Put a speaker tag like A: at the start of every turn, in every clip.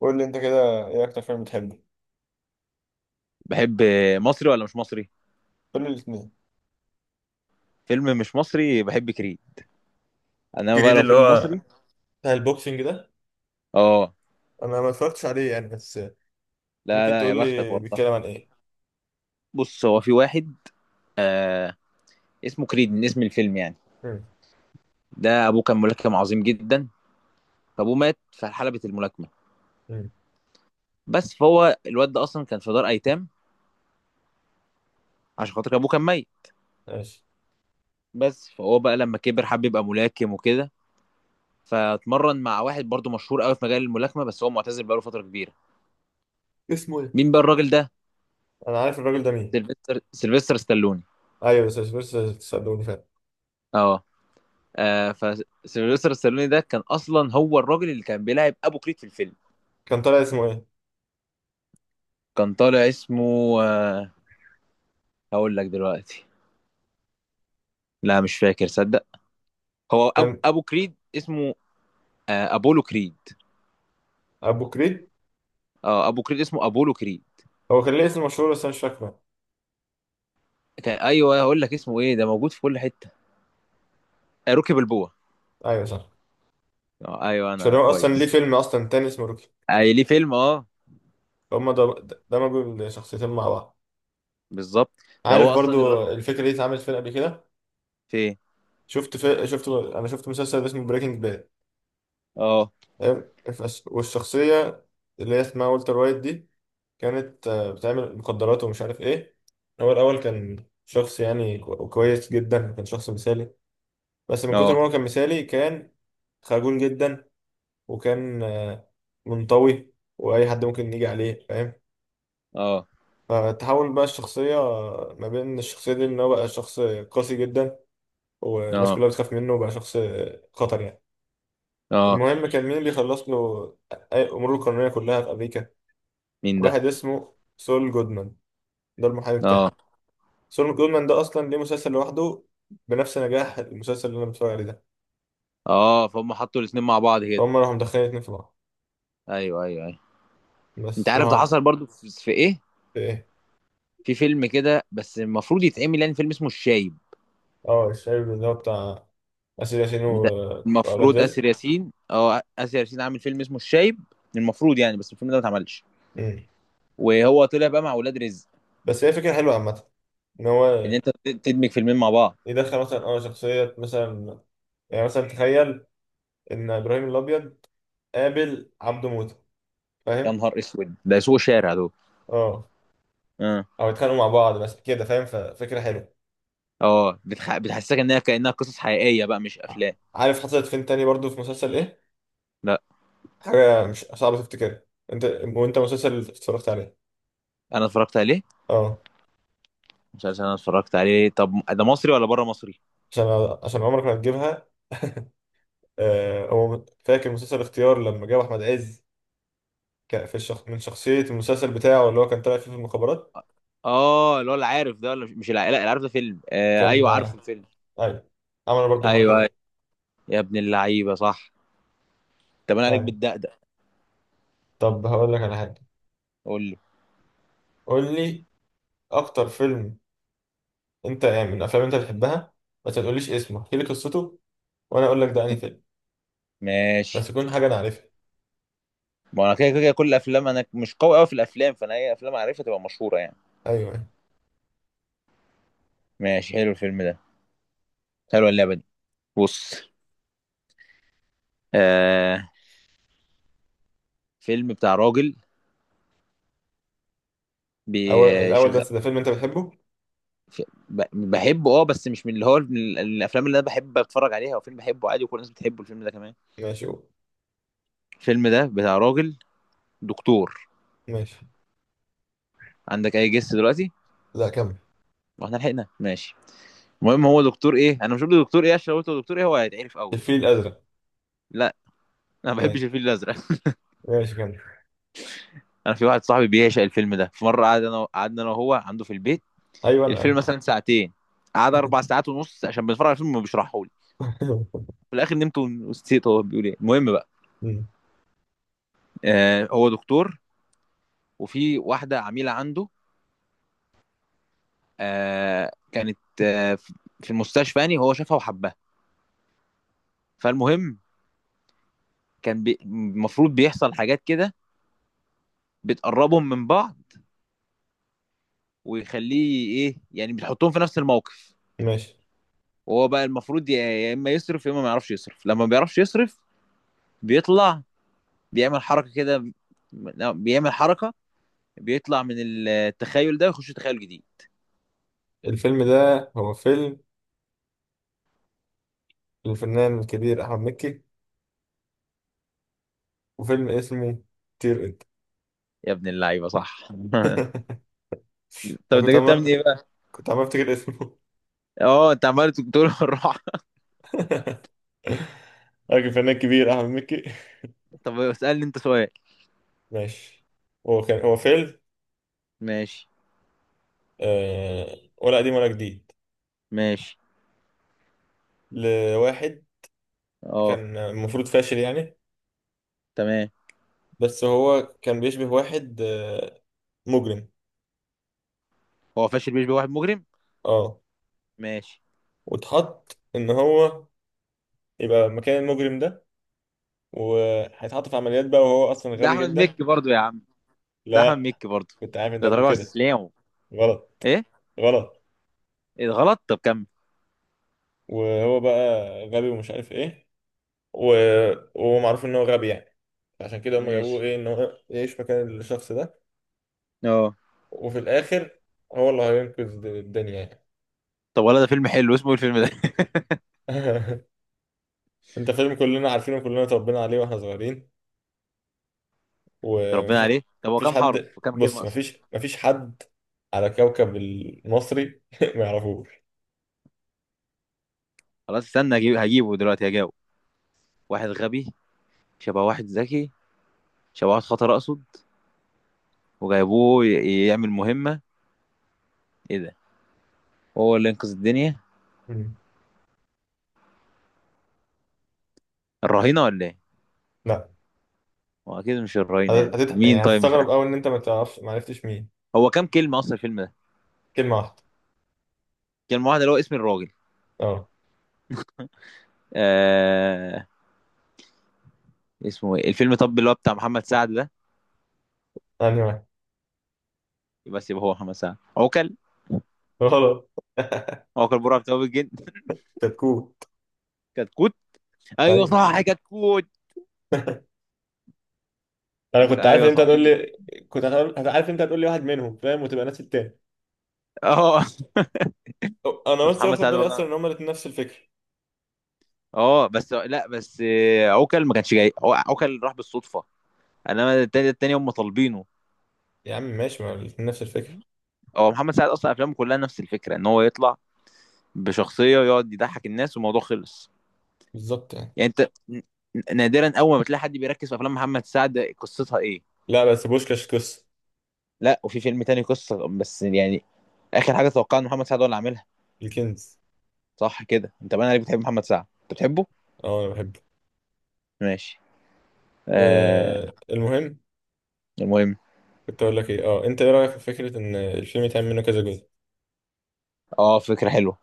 A: قول لي انت كده، ايه اكتر فيلم بتحبه؟
B: بحب. مصري ولا مش مصري؟
A: قول لي الاثنين.
B: فيلم مش مصري بحب كريد. انما بقى
A: كريد
B: لو
A: اللي
B: فيلم
A: هو
B: مصري.
A: بتاع البوكسنج ده؟
B: اه.
A: انا ما اتفرجتش عليه يعني، بس
B: لا
A: ممكن
B: لا
A: تقول
B: يا بختك
A: لي
B: والله.
A: بيتكلم عن ايه؟
B: بص هو في واحد، آه اسمه كريد من اسم الفيلم يعني.
A: مم.
B: ده ابوه كان ملاكم عظيم جدا، فابوه مات في حلبة الملاكمة.
A: مم.
B: بس فهو الواد ده اصلا كان في دار ايتام عشان خاطر ابوه كان ميت.
A: ماشي.
B: بس فهو بقى لما كبر حب يبقى ملاكم وكده، فاتمرن مع واحد برضه مشهور قوي في مجال الملاكمة، بس هو معتزل بقاله فترة كبيرة.
A: اسمه ايه؟
B: مين بقى الراجل ده؟
A: انا عارف الراجل ده مين.
B: سيلفستر ستالوني.
A: ايوه، بس تصدقوني فعلا.
B: اه. آه. فسيلفستر ستالوني ده كان اصلا هو الراجل اللي كان بيلعب ابو كريد في الفيلم.
A: كان طالع اسمه ايه؟
B: كان طالع اسمه، آه هقول لك دلوقتي. لا مش فاكر صدق. هو
A: كان.
B: ابو كريد اسمه، آه، ابولو كريد.
A: ابو كريد.
B: اه ابو كريد اسمه ابولو كريد.
A: هو كان ليه اسم مشهور بس انا مش فاكره.
B: كان ايوه هقول لك اسمه ايه، ده موجود في كل حته. آه روكي بالبوع.
A: ايوه صح.
B: اه ايوه
A: عشان
B: انا
A: هو اصلا ليه
B: كويس.
A: فيلم اصلا تاني اسمه روكي.
B: آه ليه فيلم اه.
A: هما ده، دمجوا الشخصيتين مع بعض.
B: بالظبط. ده
A: عارف
B: هو اصلا
A: برضو الفكره دي اتعملت فين قبل كده؟
B: في إيه؟
A: شفت في... شفت انا شفت مسلسل اسمه بريكنج باد.
B: اه.
A: تمام؟ والشخصية اللي هي اسمها والتر وايت دي، كانت بتعمل مخدرات ومش عارف ايه. هو الأول كان شخص يعني كويس جدا، كان شخص مثالي. بس من كتر
B: اه.
A: ما هو كان مثالي، كان خجول جدا. وكان منطوي، وأي حد ممكن يجي عليه، فاهم.
B: اه.
A: فتحول بقى الشخصية ما بين الشخصية دي، إن هو بقى شخص قاسي جدا. والناس
B: اه.
A: كلها بتخاف منه، وبقى شخص خطر يعني.
B: اه.
A: المهم، كان مين بيخلص له أي أموره القانونية كلها في أمريكا؟
B: مين ده؟
A: واحد اسمه سول جودمان، ده المحامي
B: اه.
A: بتاعه. سول جودمان ده اصلا ليه مسلسل لوحده، بنفس نجاح المسلسل اللي انا بتفرج عليه ده.
B: اه. فهم حطوا الاثنين مع بعض كده.
A: فهم راحوا مدخلين اتنين في بعض
B: ايوه ايوه ايوه. انت
A: بس،
B: عارف ده
A: وهم.
B: حصل برضو في ايه؟
A: ايه؟
B: في فيلم كده بس المفروض يتعمل، يعني فيلم اسمه الشايب.
A: اه، الشايب، اللي هو بتاع اسر ياسين
B: بتاع.
A: واولاد
B: المفروض آسر
A: رزق.
B: ياسين، اه آسر ياسين عامل فيلم اسمه الشايب. المفروض يعني، بس الفيلم ده ما اتعملش،
A: مم.
B: وهو طلع بقى مع ولاد رزق.
A: بس هي فكره حلوه عامه، ان
B: ان
A: هو
B: انت تدمج فيلمين مع بعض.
A: يدخل مثلا اه، شخصيه مثلا. يعني مثلا تخيل ان ابراهيم الابيض قابل عبده موته،
B: يا
A: فاهم.
B: نهار اسود، ده سوق شارع دول.
A: اه،
B: اه.
A: او يتخانقوا مع بعض بس كده، فاهم، ففكره حلوه.
B: اه. بتحسسك انها كانها قصص حقيقيه بقى، مش
A: ع-
B: افلام.
A: عارف حصلت فين تاني برضو؟ في مسلسل ايه؟
B: لا.
A: حاجة مش صعبة تفتكرها انت، وانت مسلسل اتفرجت عليه.
B: انا اتفرجت عليه.
A: اه.
B: مش عارف، انا اتفرجت عليه. طب ده مصري ولا بره مصري؟
A: عشان، عشان عمرك ما هتجيبها. آه، هو فاكر مسلسل اختيار لما جاب احمد عز، من شخصية المسلسل بتاعه اللي هو كان طالع فيه في المخابرات؟
B: اه اللي هو العارف ده، ولا مش لا العارف ده فيلم، آه
A: كان
B: ايوه عارفه
A: آه.
B: الفيلم.
A: ايوه، عمل برضو الحركة
B: ايوه أيوة.
A: دي.
B: يا ابن اللعيبه صح. طب انا عليك
A: ايوه.
B: بالدقدق.
A: طب هقول لك على حاجة.
B: قول له.
A: قول لي اكتر فيلم انت يعني من الافلام اللي انت بتحبها، بس ما تقوليش اسمه، احكي لي قصته وانا اقول لك ده انهي فيلم.
B: ماشي.
A: بس يكون حاجة انا عارفها.
B: ما انا كده كده كل الافلام، انا مش قوي قوي في الافلام، فانا اي افلام عارفها تبقى مشهوره يعني.
A: ايوه.
B: ماشي حلو الفيلم ده، حلوه اللعبه دي. بص، آه، فيلم بتاع راجل
A: اول الاول،
B: بيشغل.
A: بس ده فيلم انت بتحبه؟
B: بحبه اه، بس مش من اللي هو من الافلام اللي انا بحب اتفرج عليها، وفيلم بحبه عادي وكل الناس بتحبه الفيلم ده كمان.
A: ماشي قول.
B: الفيلم ده بتاع راجل دكتور.
A: ماشي.
B: عندك اي جس دلوقتي؟
A: لا كمل.
B: واحنا لحقنا ماشي. المهم هو دكتور ايه، انا مش قلت دكتور ايه عشان لو قلت له دكتور ايه هو هيتعرف قوي.
A: الفيل الأزرق.
B: لا. انا ما بحبش
A: ماشي
B: الفيل الازرق.
A: ماشي كمل.
B: انا في واحد صاحبي بيعشق الفيلم ده، في مره قعد انا قعدنا انا وهو عنده في البيت.
A: أيوة، أنا
B: الفيلم
A: أنا.
B: مثلا 2 ساعات، قعد 4 ساعات ونص عشان بنتفرج على الفيلم وبيشرحه لي. في الاخر نمت ونسيت هو بيقول ايه، المهم بقى،
A: مم.
B: آه هو دكتور، وفي واحده عميله عنده، آه كانت، آه، في المستشفى يعني، هو شافها وحبها. فالمهم، كان المفروض بيحصل حاجات كده بتقربهم من بعض، ويخليه ايه يعني، بتحطهم في نفس الموقف.
A: ماشي.
B: وهو بقى المفروض يا اما يصرف يا اما ما يعرفش يصرف. لما ما بيعرفش يصرف بيطلع، بيعمل حركه كده، لا، بيعمل حركه، بيطلع من التخيل ده ويخش تخيل جديد.
A: الفيلم ده هو فيلم الفنان الكبير أحمد مكي، وفيلم اسمه طير أنت.
B: يا ابن اللعيبه صح. طب
A: أنا
B: انت
A: كنت
B: جبتها
A: عمال،
B: من ايه بقى؟
A: كنت عمال أفتكر اسمه.
B: اه انت عمال تقول الراحه.
A: راجل فنان كبير أحمد مكي.
B: طب اسالني انت سؤال.
A: ماشي. هو كان، هو فيلم
B: ماشي.
A: آه، ولا قديم ولا جديد،
B: ماشي.
A: لواحد
B: اه.
A: كان المفروض فاشل يعني.
B: تمام.
A: بس هو كان بيشبه واحد آه، مجرم.
B: هو فاشل بيشبه واحد مجرم؟
A: اه.
B: ماشي.
A: واتحط إن هو يبقى مكان المجرم ده، وهيتحط في عمليات بقى، وهو اصلا
B: ده
A: غبي
B: احمد
A: جدا.
B: مكي برضو يا عم. ده احمد
A: لا.
B: مكي برضو.
A: كنت عارف انت
B: لا تراجع
A: هتقول
B: ولا
A: كده.
B: استسلام.
A: غلط.
B: ايه؟
A: غلط.
B: ايه ده غلط، طب كمل.
A: وهو بقى غبي ومش عارف ايه، و... ومعروف ان هو غبي يعني. عشان كده هم جابوه
B: ماشي.
A: ايه، ان هو يعيش مكان الشخص ده.
B: اه.
A: وفي الاخر، هو اللي هينقذ الدنيا يعني.
B: طب ولا ده فيلم حلو، اسمه ايه الفيلم ده؟
A: انت فيلم كلنا عارفينه، كلنا اتربينا عليه واحنا صغيرين. ومفيش،
B: ربنا عليه، طب هو
A: مفيش
B: كام
A: حد
B: حرف وكام
A: بص
B: كلمه اصلا؟
A: مفيش مفيش حد على كوكب المصري ما يعرفوش.
B: خلاص استنى اجيب، هجيبه دلوقتي هجاوب. واحد غبي شبه واحد ذكي، شبه واحد خطر اقصد، وجايبوه يعمل مهمة. ايه ده. هو اللي ينقذ الدنيا.
A: مم.
B: الرهينة ولا ايه؟
A: لا.
B: هو اكيد مش الرهينة، يعني مين
A: يعني
B: طيب؟ مش
A: هتستغرب
B: عارف.
A: قوي ان انت ما تعرفش، ما عرفتش مين.
B: هو كام كلمة اصلا الفيلم ده؟
A: كلمه واحده.
B: كلمة واحدة اللي هو اسم الراجل.
A: اه.
B: آه... اسمه ايه الفيلم؟ طب اللي هو بتاع محمد سعد ده؟
A: انا واحد.
B: بس يبقى سيبه، هو محمد سعد عوكل؟
A: غلط.
B: عوكل برعب بتاع الجن.
A: كتكوت.
B: كتكوت. ايوه
A: طيب.
B: صح كتكوت.
A: انا كنت عارف ان
B: ايوه
A: انت هتقول
B: صحيح.
A: لي، كنت هتقول، عارف ان انت هتقول لي واحد منهم فاهم، وتبقى نفس التاني.
B: اه.
A: انا
B: بس
A: بس
B: محمد
A: واخد
B: سعد
A: بالي اصلا
B: برضه.
A: ان هما الاتنين نفس الفكره.
B: اه بس لا بس، آه، عوكل ما كانش جاي، هو عوكل راح بالصدفه، انما التاني هم طالبينه.
A: يا عم ماشي، ما الاتنين نفس الفكره.
B: هو محمد سعد اصلا افلامه كلها نفس الفكره، ان هو يطلع بشخصيه ويقعد يضحك الناس والموضوع خلص.
A: بالظبط يعني.
B: يعني انت نادرا اول ما تلاقي حد بيركز في افلام محمد سعد قصتها ايه.
A: لا بس بوشكاش قصه.
B: لا وفي فيلم تاني قصه بس يعني. اخر حاجه اتوقع ان محمد سعد هو اللي عاملها.
A: الكنز.
B: صح كده انت بقى، عليك بتحب محمد سعد، انت بتحبه؟
A: اه انا بحبه.
B: ماشي. آه.
A: آه، المهم.
B: المهم.
A: كنت اقول لك ايه. اه، انت ايه رايك في فكره ان الفيلم يتعمل منه كذا جزء؟
B: اه فكره حلوه،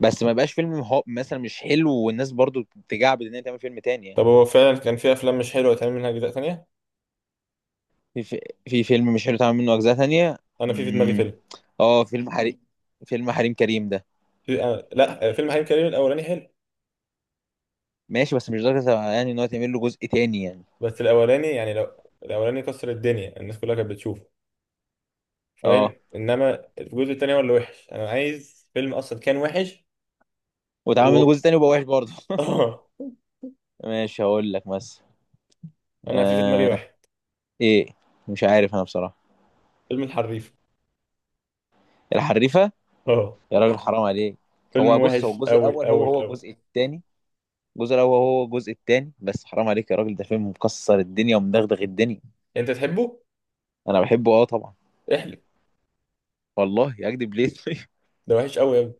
B: بس ما يبقاش فيلم هو مثلا مش حلو، والناس برضو تجعبد ان هي تعمل فيلم تاني يعني.
A: طب هو فعلا كان في افلام مش حلوه يتعمل منها اجزاء تانية؟
B: في في فيلم مش حلو اتعمل منه اجزاء تانية.
A: انا في دماغي
B: امم.
A: فيلم.
B: اه فيلم حريم، فيلم حريم كريم ده.
A: في آه، لا، فيلم حريم كريم الاولاني حلو.
B: ماشي بس مش درجة يعني ان هو يتعمل له جزء تاني يعني.
A: بس الاولاني يعني، لو الاولاني كسر الدنيا الناس كلها كانت بتشوفه، فاهم.
B: اه
A: انما الجزء التاني هو اللي وحش. انا عايز فيلم اصلا كان وحش، و...
B: واتعمل منه جزء تاني وبقى وحش برضه.
A: اه.
B: ماشي هقول لك بس.
A: انا في دماغي
B: آه.
A: واحد.
B: ايه؟ مش عارف انا بصراحة.
A: فيلم الحريف.
B: الحريفة؟
A: اه.
B: يا راجل حرام عليك.
A: فيلم
B: هو بص، هو
A: وحش
B: الجزء
A: قوي
B: الاول هو
A: قوي
B: هو
A: قوي.
B: الجزء التاني. الجزء الاول هو هو الجزء التاني، بس حرام عليك يا راجل، ده فيلم مكسر الدنيا ومدغدغ الدنيا.
A: انت تحبه؟
B: انا بحبه اه طبعا.
A: احلف.
B: والله اكدب ليه؟ طيب؟
A: ده وحش قوي يا ابني.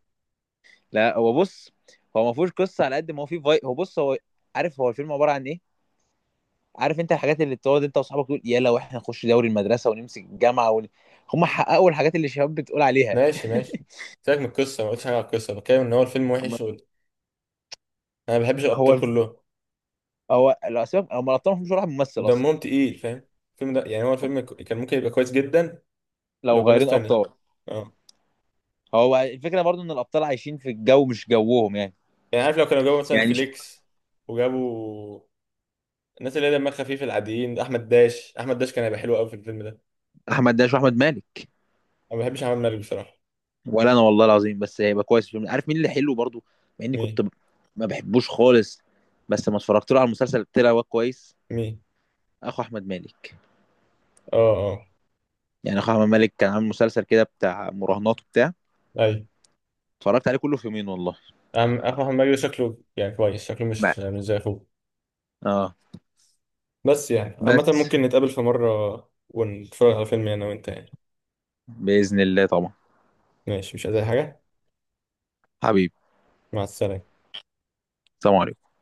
B: لا هو بص، هو ما فيهوش قصه على قد ما هو فيه، في هو بص هو. عارف هو الفيلم عباره عن ايه؟ عارف انت الحاجات اللي بتقعد انت واصحابك تقول يلا واحنا نخش دوري المدرسه ونمسك الجامعه ون... هم حققوا الحاجات اللي الشباب بتقول عليها.
A: ماشي ماشي، سيبك من القصه، ما قلتش حاجه على القصه، بتكلم ان هو الفيلم
B: أما.
A: وحش وال... انا ما بحبش
B: هو
A: الابطال
B: الف...
A: كلهم
B: هو الاسباب هم الابطال، مش واحد ممثل اصلا.
A: ودمهم تقيل، فاهم. الفيلم ده يعني، هو الفيلم كان ممكن يبقى كويس جدا لو
B: لو
A: بناس
B: غيرين
A: تانية.
B: ابطال.
A: أه.
B: هو الفكره برضو ان الابطال عايشين في الجو مش جوهم يعني.
A: يعني عارف، لو كانوا جابوا مثلا
B: يعني
A: فليكس، وجابوا الناس اللي هي دمها خفيف العاديين، احمد داش، احمد داش كان هيبقى حلو قوي في الفيلم ده.
B: احمد داش واحمد مالك.
A: انا ما بحبش احمد مالك بصراحه.
B: ولا انا والله العظيم، بس هيبقى كويس، في عارف مين اللي حلو برضو، مع اني
A: مين؟
B: كنت ما بحبوش خالص، بس لما اتفرجت له على المسلسل طلع هو كويس.
A: مين؟
B: اخو احمد مالك.
A: اه اه.
B: يعني اخو احمد مالك كان عامل مسلسل كده بتاع مراهنات وبتاع،
A: اي.
B: اتفرجت عليه كله في 2 ايام والله.
A: احمد مالك ده شكله يعني كويس، شكله مش
B: بقى.
A: يعني مش زي اخوه.
B: اه
A: بس يعني عامه،
B: بس
A: ممكن نتقابل في مره ونتفرج على فيلم انا وانت يعني.
B: باذن الله طبعا.
A: ماشي، مش عايز أي حاجه.
B: حبيبي.
A: مع السلامه.
B: سلام عليكم.